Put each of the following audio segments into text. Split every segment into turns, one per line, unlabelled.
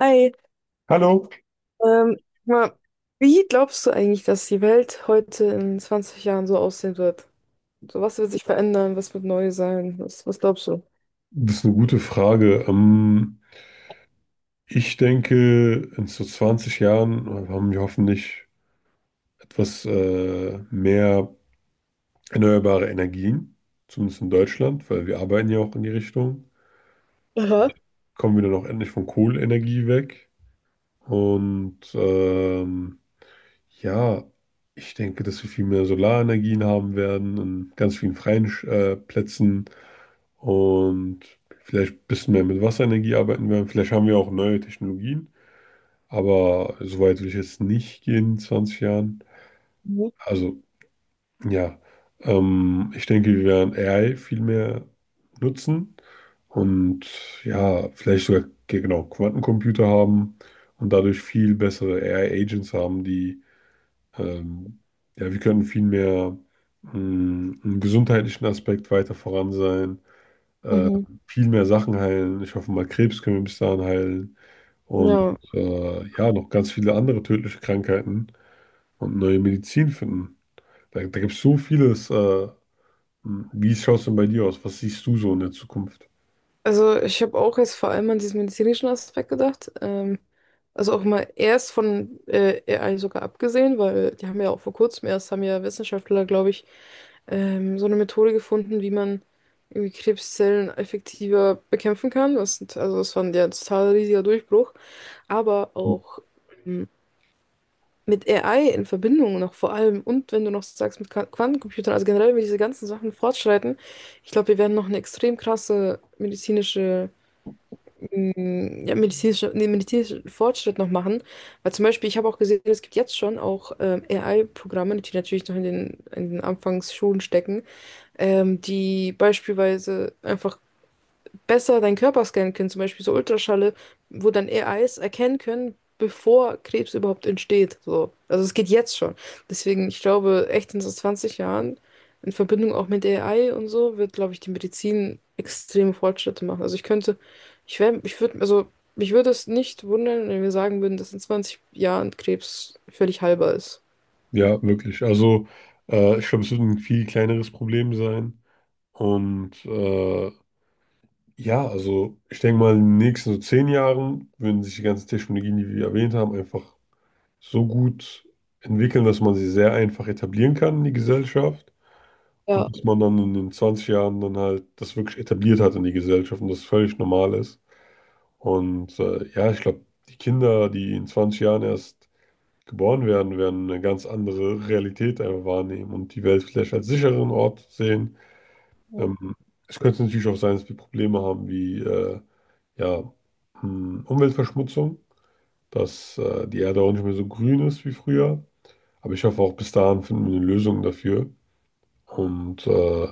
Hi,
Hallo,
ähm, mal, wie glaubst du eigentlich, dass die Welt heute in 20 Jahren so aussehen wird? So, was wird sich verändern? Was wird neu sein? Was glaubst du?
das ist eine gute Frage. Ich denke, in so 20 Jahren haben wir hoffentlich etwas mehr erneuerbare Energien, zumindest in Deutschland, weil wir arbeiten ja auch in die Richtung.
Aha.
Kommen wir dann auch endlich von Kohleenergie weg. Und ähm, ja, ich denke, dass wir viel mehr Solarenergien haben werden in ganz vielen freien Plätzen und vielleicht ein bisschen mehr mit Wasserenergie arbeiten werden. Vielleicht haben wir auch neue Technologien. Aber so weit will ich jetzt nicht gehen in 20 Jahren.
Mhm.
Also, ja, ich denke, wir werden AI viel mehr nutzen und ja, vielleicht sogar genau Quantencomputer haben und dadurch viel bessere AI-Agents haben, die ähm, ja, wir können viel mehr, mh, im gesundheitlichen Aspekt weiter voran sein, äh,
Mhm.
viel mehr Sachen heilen. Ich hoffe mal, Krebs können wir bis dahin heilen und
Ja,
ja, noch ganz viele andere tödliche Krankheiten und neue Medizin finden. Da gibt es so vieles. Wie schaut es denn bei dir aus? Was siehst du so in der Zukunft?
also ich habe auch jetzt vor allem an diesen medizinischen Aspekt gedacht. Also auch mal erst von AI sogar abgesehen, weil die haben ja auch vor kurzem erst, haben ja Wissenschaftler, glaube ich, so eine Methode gefunden, wie man irgendwie Krebszellen effektiver bekämpfen kann. Also das war ja ein ja, total riesiger Durchbruch. Aber auch ähm, mit AI in Verbindung noch vor allem und wenn du noch so sagst mit Quantencomputern, also generell, wenn diese ganzen Sachen fortschreiten, ich glaube, wir werden noch eine extrem krasse medizinische ja, medizinische, nee, medizinischen Fortschritt noch machen. Weil zum Beispiel, ich habe auch gesehen, es gibt jetzt schon auch AI-Programme, die natürlich noch in den Anfangsschulen stecken, die beispielsweise einfach besser deinen Körper scannen können, zum Beispiel so Ultraschalle, wo dann AIs erkennen können, bevor Krebs überhaupt entsteht. So. Also es geht jetzt schon. Deswegen, ich glaube, echt in so 20 Jahren, in Verbindung auch mit AI und so, wird, glaube ich, die Medizin extreme Fortschritte machen. Also ich könnte, ich wäre, ich würde, also mich würde es nicht wundern, wenn wir sagen würden, dass in 20 Jahren Krebs völlig heilbar ist.
Ja, wirklich. Also, ich glaube, es wird ein viel kleineres Problem sein. Und äh, ja, also, ich denke mal, in den nächsten so 10 Jahren würden sich die ganzen Technologien, die wir erwähnt haben, einfach so gut entwickeln, dass man sie sehr einfach etablieren kann in die Gesellschaft.
Ja,
Und dass man dann in den 20 Jahren dann halt das wirklich etabliert hat in die Gesellschaft und das völlig normal ist. Ja, ich glaube, die Kinder, die in 20 Jahren erst geboren werden, werden eine ganz andere Realität einfach wahrnehmen und die Welt vielleicht als sicheren Ort sehen. Ähm, Es könnte natürlich auch sein, dass wir Probleme haben wie ja, Umweltverschmutzung, dass die Erde auch nicht mehr so grün ist wie früher. Aber ich hoffe, auch bis dahin finden wir eine Lösung dafür und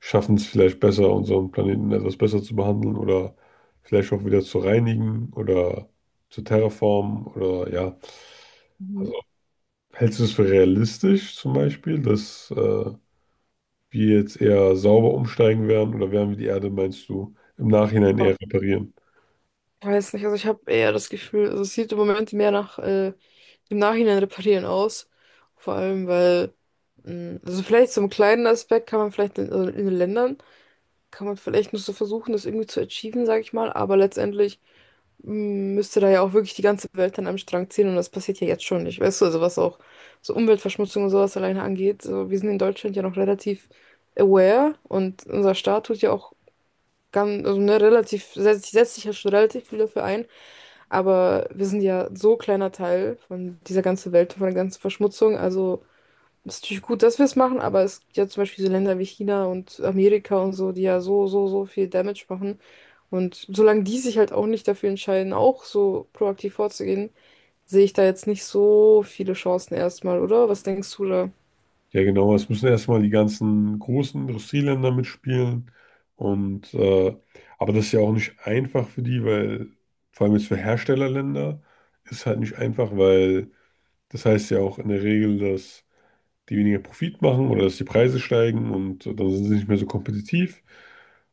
schaffen es vielleicht besser, unseren Planeten etwas besser zu behandeln oder vielleicht auch wieder zu reinigen oder zu terraformen oder ja. Also hältst du es für realistisch zum Beispiel, dass wir jetzt eher sauber umsteigen werden oder werden wir die Erde, meinst du, im Nachhinein eher reparieren?
ich weiß nicht, also ich habe eher das Gefühl, also es sieht im Moment mehr nach im Nachhinein reparieren aus. Vor allem, weil, also vielleicht so einen kleinen Aspekt kann man vielleicht in, also in den Ländern, kann man vielleicht nur so versuchen, das irgendwie zu achieven, sage ich mal, aber letztendlich müsste da ja auch wirklich die ganze Welt dann am Strang ziehen und das passiert ja jetzt schon nicht, weißt du, also was auch so Umweltverschmutzung und sowas alleine angeht. So, wir sind in Deutschland ja noch relativ aware und unser Staat tut ja auch ganz, also ne, relativ, setzt sich ja schon relativ viel dafür ein, aber wir sind ja so ein kleiner Teil von dieser ganzen Welt, von der ganzen Verschmutzung. Also es ist natürlich gut, dass wir es machen, aber es gibt ja zum Beispiel so Länder wie China und Amerika und so, die ja so, so, so viel Damage machen. Und solange die sich halt auch nicht dafür entscheiden, auch so proaktiv vorzugehen, sehe ich da jetzt nicht so viele Chancen erstmal, oder? Was denkst du da?
Ja, genau. Es müssen erstmal die ganzen großen Industrieländer mitspielen. Und äh, aber das ist ja auch nicht einfach für die, weil vor allem jetzt für Herstellerländer ist halt nicht einfach, weil das heißt ja auch in der Regel, dass die weniger Profit machen oder dass die Preise steigen und dann sind sie nicht mehr so kompetitiv.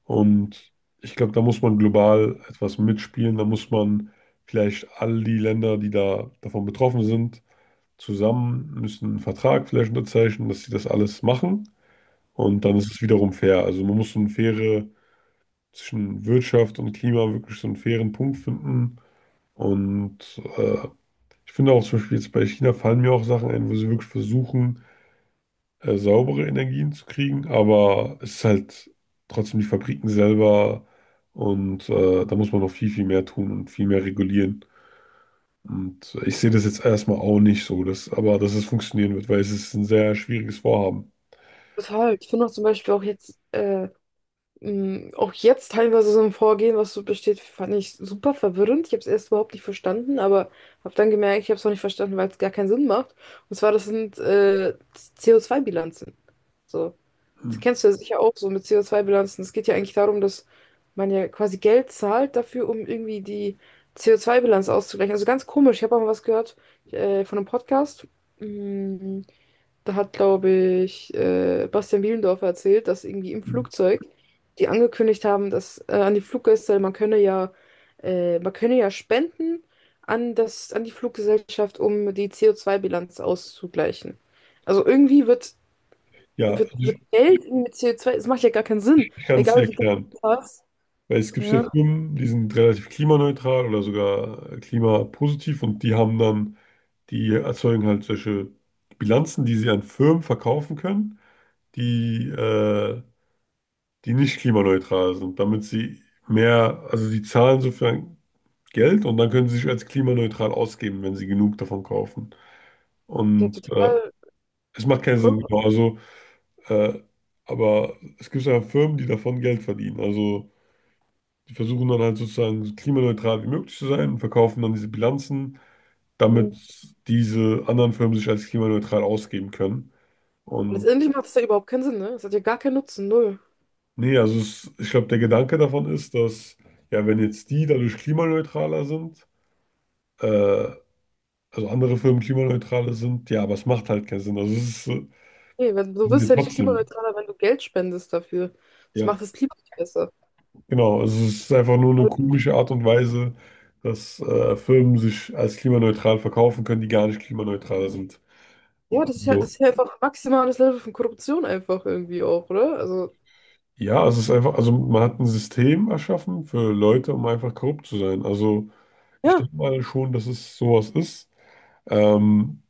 Und ich glaube, da muss man global etwas mitspielen. Da muss man vielleicht all die Länder, die da davon betroffen sind, zusammen, müssen einen Vertrag vielleicht unterzeichnen, dass sie das alles machen. Und dann ist es wiederum fair. Also man muss so eine faire, zwischen Wirtschaft und Klima wirklich so einen fairen Punkt finden. Und äh, ich finde auch zum Beispiel jetzt bei China fallen mir auch Sachen ein, wo sie wirklich versuchen, saubere Energien zu kriegen. Aber es ist halt trotzdem die Fabriken selber. Da muss man noch viel, viel mehr tun und viel mehr regulieren. Und ich sehe das jetzt erstmal auch nicht so, dass, aber dass es funktionieren wird, weil es ist ein sehr schwieriges Vorhaben.
Total. Ich finde auch zum Beispiel auch jetzt auch jetzt teilweise so ein Vorgehen, was so besteht, fand ich super verwirrend. Ich habe es erst überhaupt nicht verstanden, aber habe dann gemerkt, ich habe es auch nicht verstanden, weil es gar keinen Sinn macht. Und zwar, das sind CO2-Bilanzen. So, das kennst du ja sicher auch so mit CO2-Bilanzen. Es geht ja eigentlich darum, dass man ja quasi Geld zahlt dafür, um irgendwie die CO2-Bilanz auszugleichen. Also ganz komisch. Ich habe auch mal was gehört von einem Podcast. Mm, Da hat, glaube ich, Bastian Bielendorfer erzählt, dass irgendwie im
Mhm.
Flugzeug die angekündigt haben, dass an die Fluggäste, man könne ja spenden an das, an die Fluggesellschaft, um die CO2-Bilanz auszugleichen. Also irgendwie wird,
Ja, also
wird, wird Geld irgendwie mit CO2, das macht ja gar keinen
ich
Sinn.
kann
Weil
es
Egal
dir
wie viel Geld
erklären.
du hast.
Weil es gibt ja
Ja.
Firmen, die sind relativ klimaneutral oder sogar klimapositiv die erzeugen halt solche Bilanzen, die sie an Firmen verkaufen können, die, äh, die nicht klimaneutral sind, damit also sie zahlen sozusagen Geld und dann können sie sich als klimaneutral ausgeben, wenn sie genug davon kaufen.
Ja,
Und äh,
total.
Es macht keinen Sinn, genau. Also, äh, aber es gibt ja Firmen, die davon Geld verdienen. Also, die versuchen dann halt sozusagen so klimaneutral wie möglich zu sein und verkaufen dann diese Bilanzen, damit
Weil
diese anderen Firmen sich als klimaneutral ausgeben können. Und
letztendlich macht es ja überhaupt keinen Sinn, ne? Es hat ja gar keinen Nutzen, null.
nee, also ich glaube, der Gedanke davon ist, dass ja, wenn jetzt die dadurch klimaneutraler sind, äh, also andere Firmen klimaneutraler sind, ja, aber es macht halt keinen Sinn. Also, ist, äh,
Nee, wenn, du
sind ja
wirst ja nicht
trotzdem,
klimaneutraler, wenn du Geld spendest dafür. Das
ja.
macht das Klima nicht besser.
Genau, also es ist einfach nur eine komische Art und Weise, dass Firmen sich als klimaneutral verkaufen können, die gar nicht klimaneutral sind.
Ja, das ist ja, das
Also
ist ja einfach maximales Level von Korruption einfach irgendwie auch, oder? Also,
ja, es ist einfach, also man hat ein System erschaffen für Leute, um einfach korrupt zu sein. Also ich
ja.
denke mal schon, dass es sowas ist. Ähm,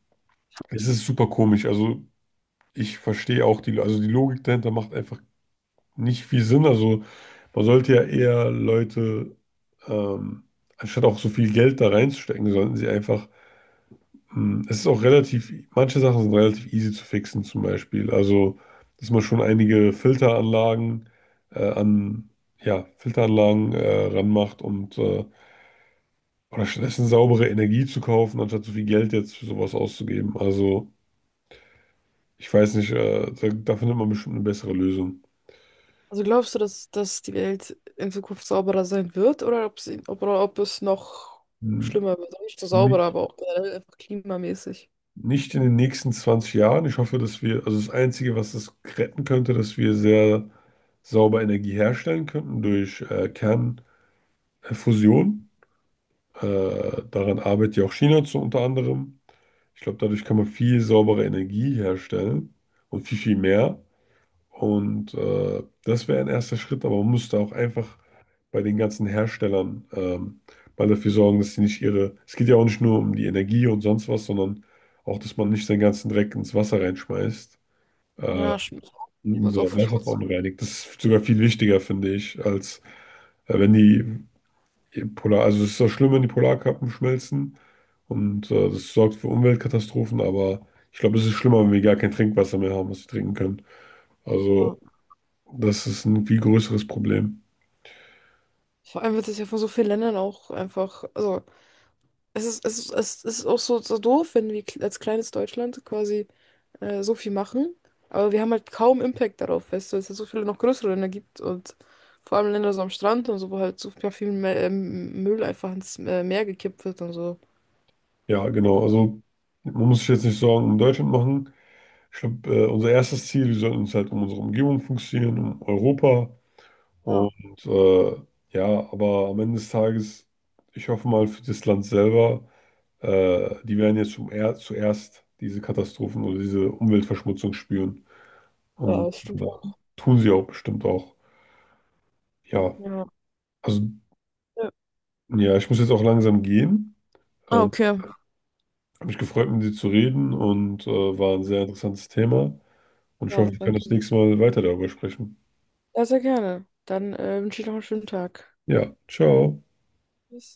Es ist super komisch. Also ich verstehe auch also die Logik dahinter macht einfach nicht viel Sinn. Also man sollte ja eher ähm, anstatt auch so viel Geld da reinzustecken, sollten sie einfach. Es ist auch relativ, manche Sachen sind relativ easy zu fixen, zum Beispiel. Also, dass man schon einige äh, an, ja, Filteranlagen ranmacht und oder stattdessen saubere Energie zu kaufen, anstatt so viel Geld jetzt für sowas auszugeben. Also, ich weiß nicht, da findet man bestimmt eine bessere Lösung.
Also glaubst du, dass die Welt in Zukunft sauberer sein wird oder ob sie, ob, oder ob es noch
Hm,
schlimmer wird? Also nicht so sauberer,
Nicht,
aber auch generell einfach klimamäßig.
nicht in den nächsten 20 Jahren. Ich hoffe, dass wir, also das Einzige, was das retten könnte, dass wir sehr sauber Energie herstellen könnten durch Kernfusion. Daran arbeitet ja auch China zu unter anderem. Ich glaube, dadurch kann man viel saubere Energie herstellen und viel, viel mehr. Das wäre ein erster Schritt, aber man müsste auch einfach bei den ganzen Herstellern mal dafür sorgen, dass sie nicht ihre. Es geht ja auch nicht nur um die Energie und sonst was, sondern auch, dass man nicht seinen ganzen Dreck ins Wasser reinschmeißt. Äh,
Ja, stimmt.
und unser
Also auch
Wasser
verschmutzt.
verunreinigt. Das ist sogar viel wichtiger, finde ich, als wenn die also es ist auch schlimm, wenn die Polarkappen schmelzen und das sorgt für Umweltkatastrophen, aber ich glaube, es ist schlimmer, wenn wir gar kein Trinkwasser mehr haben, was wir trinken können.
Ja.
Also das ist ein viel größeres Problem.
Vor allem wird es ja von so vielen Ländern auch einfach, also es ist, es ist, es ist auch so, so doof, wenn wir als kleines Deutschland quasi so viel machen. Aber wir haben halt kaum Impact darauf, weißt du, weil es ja so viele noch größere Länder gibt und vor allem Länder so am Strand und so, wo halt so viel viel Müll einfach ins Meer gekippt wird und so.
Ja, genau. Also man muss sich jetzt nicht Sorgen um Deutschland machen. Ich glaube, unser erstes Ziel, wir sollten uns halt um unsere Umgebung fokussieren, um Europa.
Ja.
Und äh, ja, aber am Ende des Tages, ich hoffe mal für das Land selber, die werden jetzt zum er zuerst diese Katastrophen oder diese Umweltverschmutzung spüren.
Ja,
Und
das
äh,
stimmt auch.
tun sie auch bestimmt auch. Ja,
Ja,
also
ja.
ja, ich muss jetzt auch langsam gehen.
Ah,
Ähm,
okay.
Habe mich gefreut, mit dir zu reden und war ein sehr interessantes Thema. Und ich
Ja,
hoffe, wir können
danke.
das nächste Mal weiter darüber sprechen.
Ja, sehr gerne. Dann wünsche ich noch einen schönen Tag.
Ja, ciao.
Tschüss.